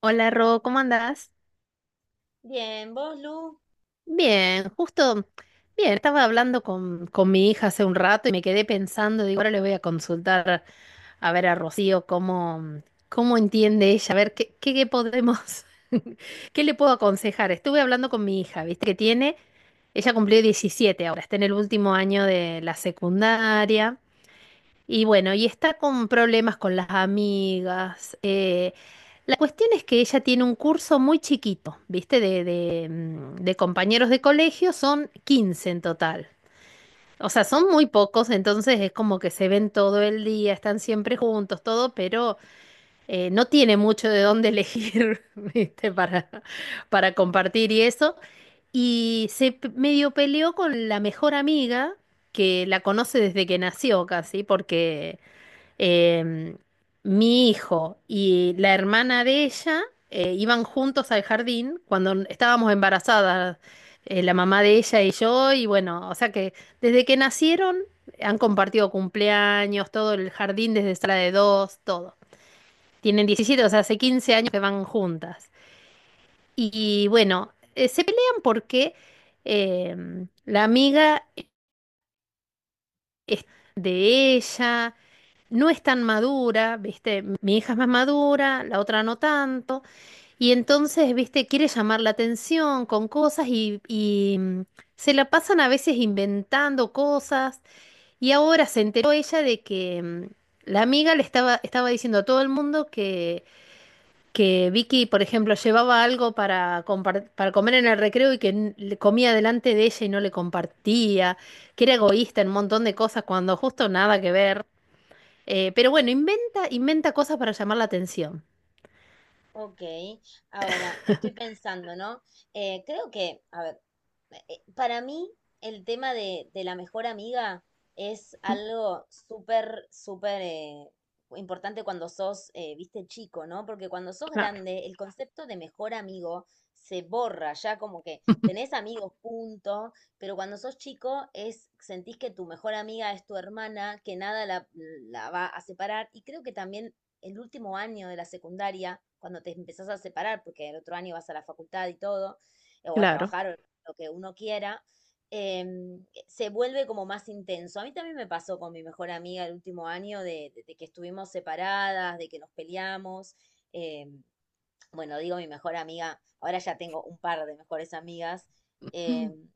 Hola Ro, ¿cómo andás? Bien, vos, Lu. Bien, justo, bien, estaba hablando con, mi hija hace un rato y me quedé pensando, digo, ahora le voy a consultar a ver a Rocío cómo, cómo entiende ella, a ver qué, qué, qué podemos, qué le puedo aconsejar. Estuve hablando con mi hija, viste que tiene, ella cumplió 17 ahora, está en el último año de la secundaria. Y bueno, y está con problemas con las amigas. La cuestión es que ella tiene un curso muy chiquito, ¿viste? De compañeros de colegio, son 15 en total. O sea, son muy pocos, entonces es como que se ven todo el día, están siempre juntos, todo, pero no tiene mucho de dónde elegir, ¿viste? Para compartir y eso. Y medio peleó con la mejor amiga, que la conoce desde que nació casi, porque... Em, Mi hijo y la hermana de ella iban juntos al jardín cuando estábamos embarazadas, la mamá de ella y yo, y bueno, o sea que desde que nacieron han compartido cumpleaños, todo el jardín desde sala de dos, todo. Tienen 17, o sea, hace 15 años que van juntas. Y, bueno, se pelean porque la amiga es de ella. No es tan madura, ¿viste? Mi hija es más madura, la otra no tanto, y entonces, ¿viste? Quiere llamar la atención con cosas y se la pasan a veces inventando cosas, y ahora se enteró ella de que la amiga le estaba diciendo a todo el mundo que Vicky, por ejemplo, llevaba algo para, para comer en el recreo y que le comía delante de ella y no le compartía, que era egoísta en un montón de cosas cuando justo nada que ver. Pero bueno, inventa cosas para llamar la atención. Ok. Ahora, estoy pensando, ¿no? Creo que, a ver, para mí el tema de, la mejor amiga es Mm, algo súper, súper, importante cuando sos, viste, chico, ¿no? Porque cuando sos claro. grande, el concepto de mejor amigo se borra, ya como que tenés amigos, punto, pero cuando sos chico es, sentís que tu mejor amiga es tu hermana, que nada la va a separar, y creo que también el último año de la secundaria, cuando te empezás a separar, porque el otro año vas a la facultad y todo, o a Claro. trabajar, o lo que uno quiera, se vuelve como más intenso. A mí también me pasó con mi mejor amiga el último año de que estuvimos separadas, de que nos peleamos. em, bueno, digo mi mejor amiga, ahora ya tengo un par de mejores amigas. em,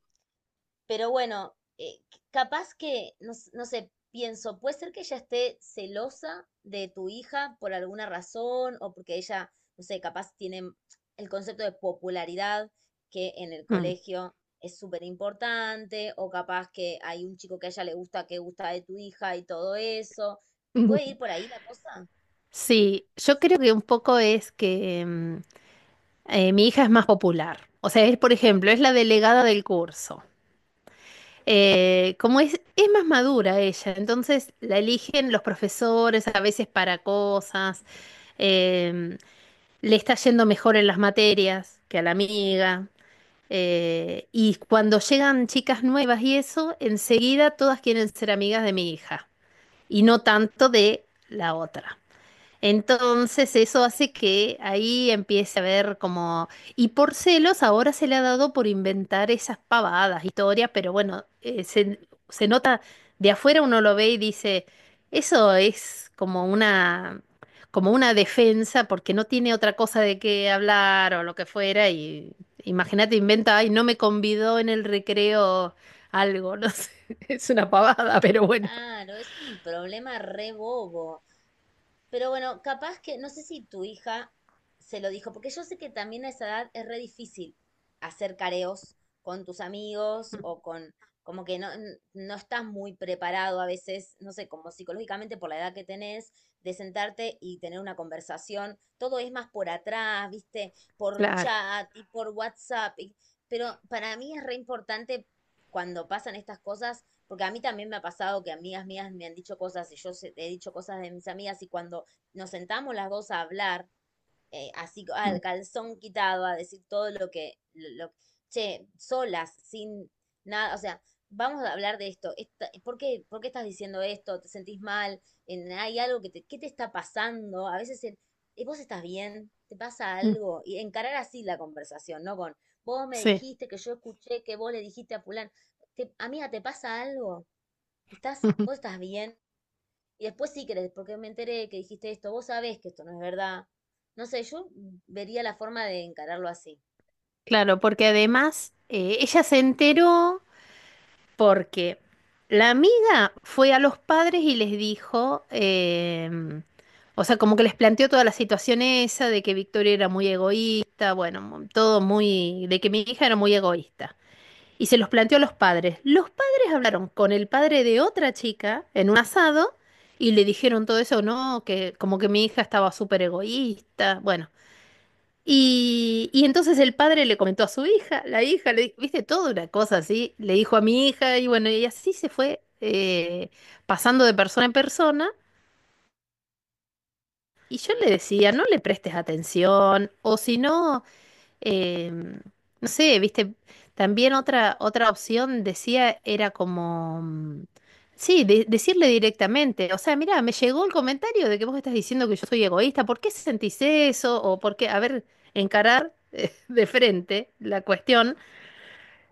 pero bueno, capaz que, no, no sé, pienso, puede ser que ella esté celosa de tu hija por alguna razón o porque ella, no sé, capaz tiene el concepto de popularidad que en el Mm. colegio es súper importante, o capaz que hay un chico que a ella le gusta, que gusta de tu hija y todo eso. ¿Puede ir por ahí la cosa? Sí, yo creo que un poco es que mi hija es más popular. O sea, es, por ejemplo, es la delegada del curso. Como es más madura ella, entonces la eligen los profesores a veces para cosas. Em, Le está yendo mejor en las materias que a la amiga. Y cuando llegan chicas nuevas y eso, enseguida todas quieren ser amigas de mi hija y no tanto de la otra. Entonces eso hace que ahí empiece a ver como... Y por celos ahora se le ha dado por inventar esas pavadas, historias, pero bueno, se nota, de afuera uno lo ve y dice, eso es como una defensa porque no tiene otra cosa de qué hablar o lo que fuera y imagínate, inventa, ay, no me convidó en el recreo algo, no sé, es una pavada, pero bueno, Claro, es un problema re bobo. Pero bueno, capaz que, no sé si tu hija se lo dijo, porque yo sé que también a esa edad es re difícil hacer careos con tus amigos o con, como que no, no estás muy preparado a veces, no sé, como psicológicamente por la edad que tenés, de sentarte y tener una conversación. Todo es más por atrás, ¿viste? Por claro. chat y por WhatsApp. Pero para mí es re importante cuando pasan estas cosas, porque a mí también me ha pasado que amigas mías me han dicho cosas y yo he dicho cosas de mis amigas, y cuando nos sentamos las dos a hablar, así co- Mm, al calzón quitado, a decir todo lo que. Che, solas, sin nada, o sea, vamos a hablar de esto, por qué estás diciendo esto? ¿Te sentís mal? ¿Hay algo que te, qué te está pasando? A veces el, vos estás bien, te pasa mm, algo", y encarar así la conversación, ¿no? Con, vos me sí. dijiste, que yo escuché que vos le dijiste a fulano, te, amiga, ¿te pasa algo? Estás, vos estás bien. Y después sí crees, porque me enteré que dijiste esto, vos sabés que esto no es verdad. No sé, yo vería la forma de encararlo así. Claro, porque además ella se enteró porque la amiga fue a los padres y les dijo, o sea, como que les planteó toda la situación esa de que Victoria era muy egoísta, bueno, todo muy, de que mi hija era muy egoísta. Y se los planteó a los padres. Los padres hablaron con el padre de otra chica en un asado y le dijeron todo eso, no, que como que mi hija estaba súper egoísta, bueno. Y entonces el padre le comentó a su hija, la hija, viste, toda una cosa así, le dijo a mi hija y bueno, y así se fue pasando de persona en persona. Y yo le decía, no le prestes atención, o si no... Eh, no sé, viste, también otra opción decía era como, sí, decirle directamente, o sea, mira, me llegó el comentario de que vos estás diciendo que yo soy egoísta, ¿por qué sentís eso? O por qué, a ver, encarar de frente la cuestión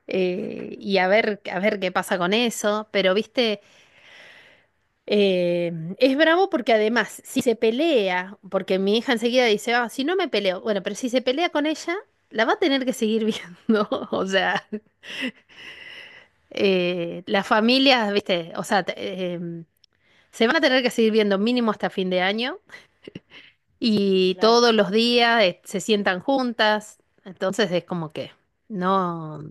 y a ver qué pasa con eso, pero viste... Eh, es bravo porque además, si se pelea, porque mi hija enseguida dice, ah, si no me peleo, bueno, pero si se pelea con ella, la va a tener que seguir viendo. O sea, las familias, viste, o sea, em, se van a tener que seguir viendo mínimo hasta fin de año y Claro. todos los días se sientan juntas. Entonces es como que no,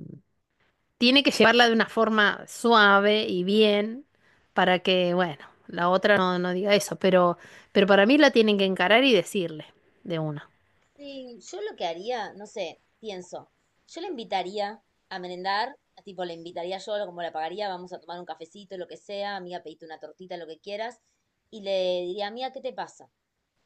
tiene que llevarla de una forma suave y bien para que, bueno, la otra no, no diga eso, pero para mí la tienen que encarar y decirle de una. Sí, yo lo que haría, no sé, pienso, yo la invitaría a merendar, tipo, la invitaría yo, como la pagaría, vamos a tomar un cafecito, lo que sea, amiga, pedite una tortita, lo que quieras, y le diría, amiga, ¿qué te pasa?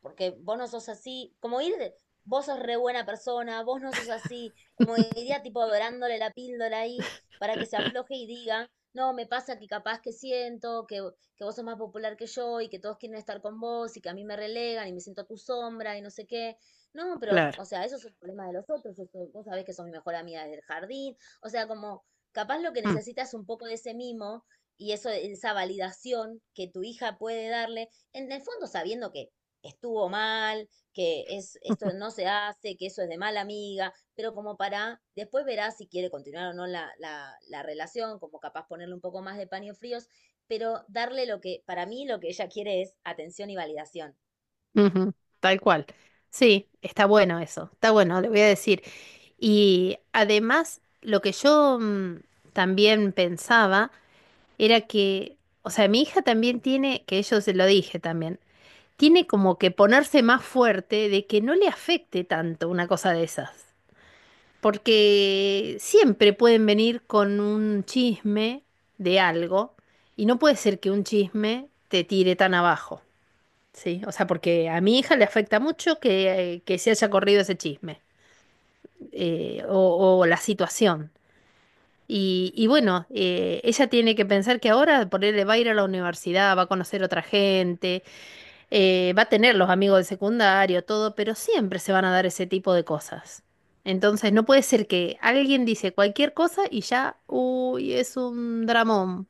Porque vos no sos así, como ir, vos sos re buena persona, vos no sos así, como iría tipo dorándole la píldora ahí para que se afloje y diga, no, me pasa que capaz que siento que vos sos más popular que yo y que todos quieren estar con vos y que a mí me relegan y me siento a tu sombra y no sé qué. No, pero, Claro. o sea, eso es un problema de los otros, vos sabés que sos mi mejor amiga del jardín, o sea, como capaz lo que Mm. necesitas es un poco de ese mimo y eso, esa validación que tu hija puede darle, en el fondo sabiendo que estuvo mal, que es, esto no se hace, que eso es de mala amiga, pero como para, después verá si quiere continuar o no la relación, como capaz ponerle un poco más de paños fríos, pero darle lo que, para mí lo que ella quiere es atención y validación. Ujú, tal cual. Sí, está bueno eso, está bueno, le voy a decir. Y además, lo que yo también pensaba era que, o sea, mi hija también tiene, que yo se lo dije también, tiene como que ponerse más fuerte de que no le afecte tanto una cosa de esas. Porque siempre pueden venir con un chisme de algo y no puede ser que un chisme te tire tan abajo, ¿sí? O sea, porque a mi hija le afecta mucho que se haya corrido ese chisme o la situación. Y bueno, ella tiene que pensar que ahora por él va a ir a la universidad, va a conocer otra gente, va a tener los amigos de secundario, todo, pero siempre se van a dar ese tipo de cosas. Entonces no puede ser que alguien dice cualquier cosa y ya, uy, es un dramón.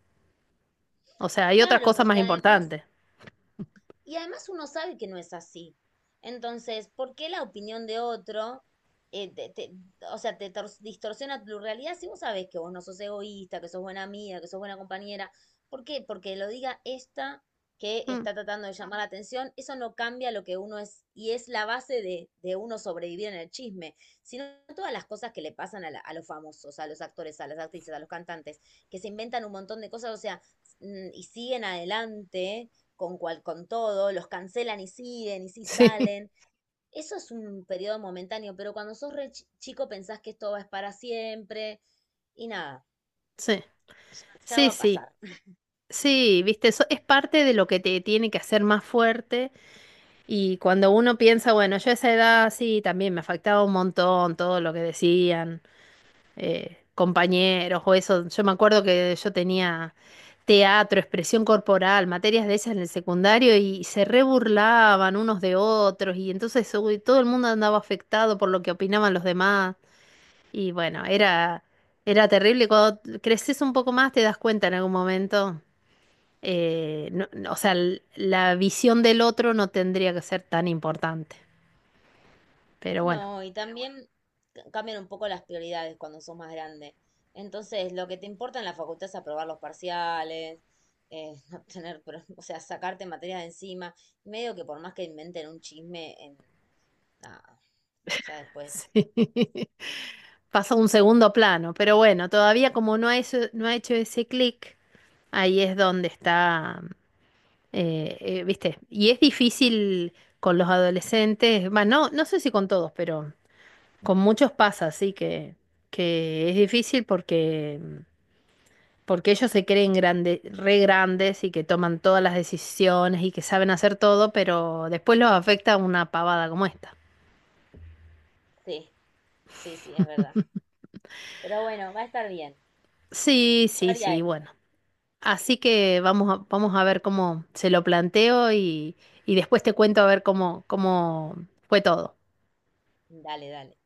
O sea, hay otras Claro, cosas más porque además. importantes. Y además uno sabe que no es así. Entonces, ¿por qué la opinión de otro, eh, te- te- o sea, te distorsiona tu realidad si vos sabés que vos no sos egoísta, que sos buena amiga, que sos buena compañera? ¿Por qué? Porque lo diga esta que Mm, está tratando de llamar la atención, eso no cambia lo que uno es, y es la base de uno sobrevivir en el chisme, sino todas las cosas que le pasan a, a los famosos, a los actores, a las actrices, a los cantantes, que se inventan un montón de cosas, o sea, y siguen adelante con, cual, con todo, los cancelan y siguen y sí sí, salen. Eso es un periodo momentáneo, pero cuando sos re chico pensás que esto va a es para siempre y nada, sí, ya, ya va sí, a sí. pasar. Sí, viste, eso es parte de lo que te tiene que hacer más fuerte. Y cuando uno piensa, bueno, yo a esa edad sí, también me afectaba un montón todo lo que decían. Compañeros o eso. Yo me acuerdo que yo tenía teatro, expresión corporal, materias de esas en el secundario y se reburlaban unos de otros y entonces uy, todo el mundo andaba afectado por lo que opinaban los demás y bueno, era terrible. Cuando creces un poco más te das cuenta en algún momento. No, o sea, la visión del otro no tendría que ser tan importante, pero bueno, No, y también cambian un poco las prioridades cuando sos más grande. Entonces, lo que te importa en la facultad es aprobar los parciales, no tener, o sea, sacarte materias de encima. Medio que por más que inventen un chisme, en, nada, ya después. sí, pasó a un segundo plano, pero bueno, todavía como no ha hecho ese clic, ahí es donde está, ¿viste? Y es difícil con los adolescentes, bueno, no, no sé si con todos, pero con muchos pasa, así que es difícil porque, porque ellos se creen re grandes y que toman todas las decisiones y que saben hacer todo, pero después los afecta una pavada como esta. Sí, sí, sí, es verdad. Pero bueno, va a estar bien. Sí, Yo sí, haría sí, eso. bueno. Así que vamos a ver cómo se lo planteo y después te cuento a ver cómo, cómo fue todo. Dale, dale.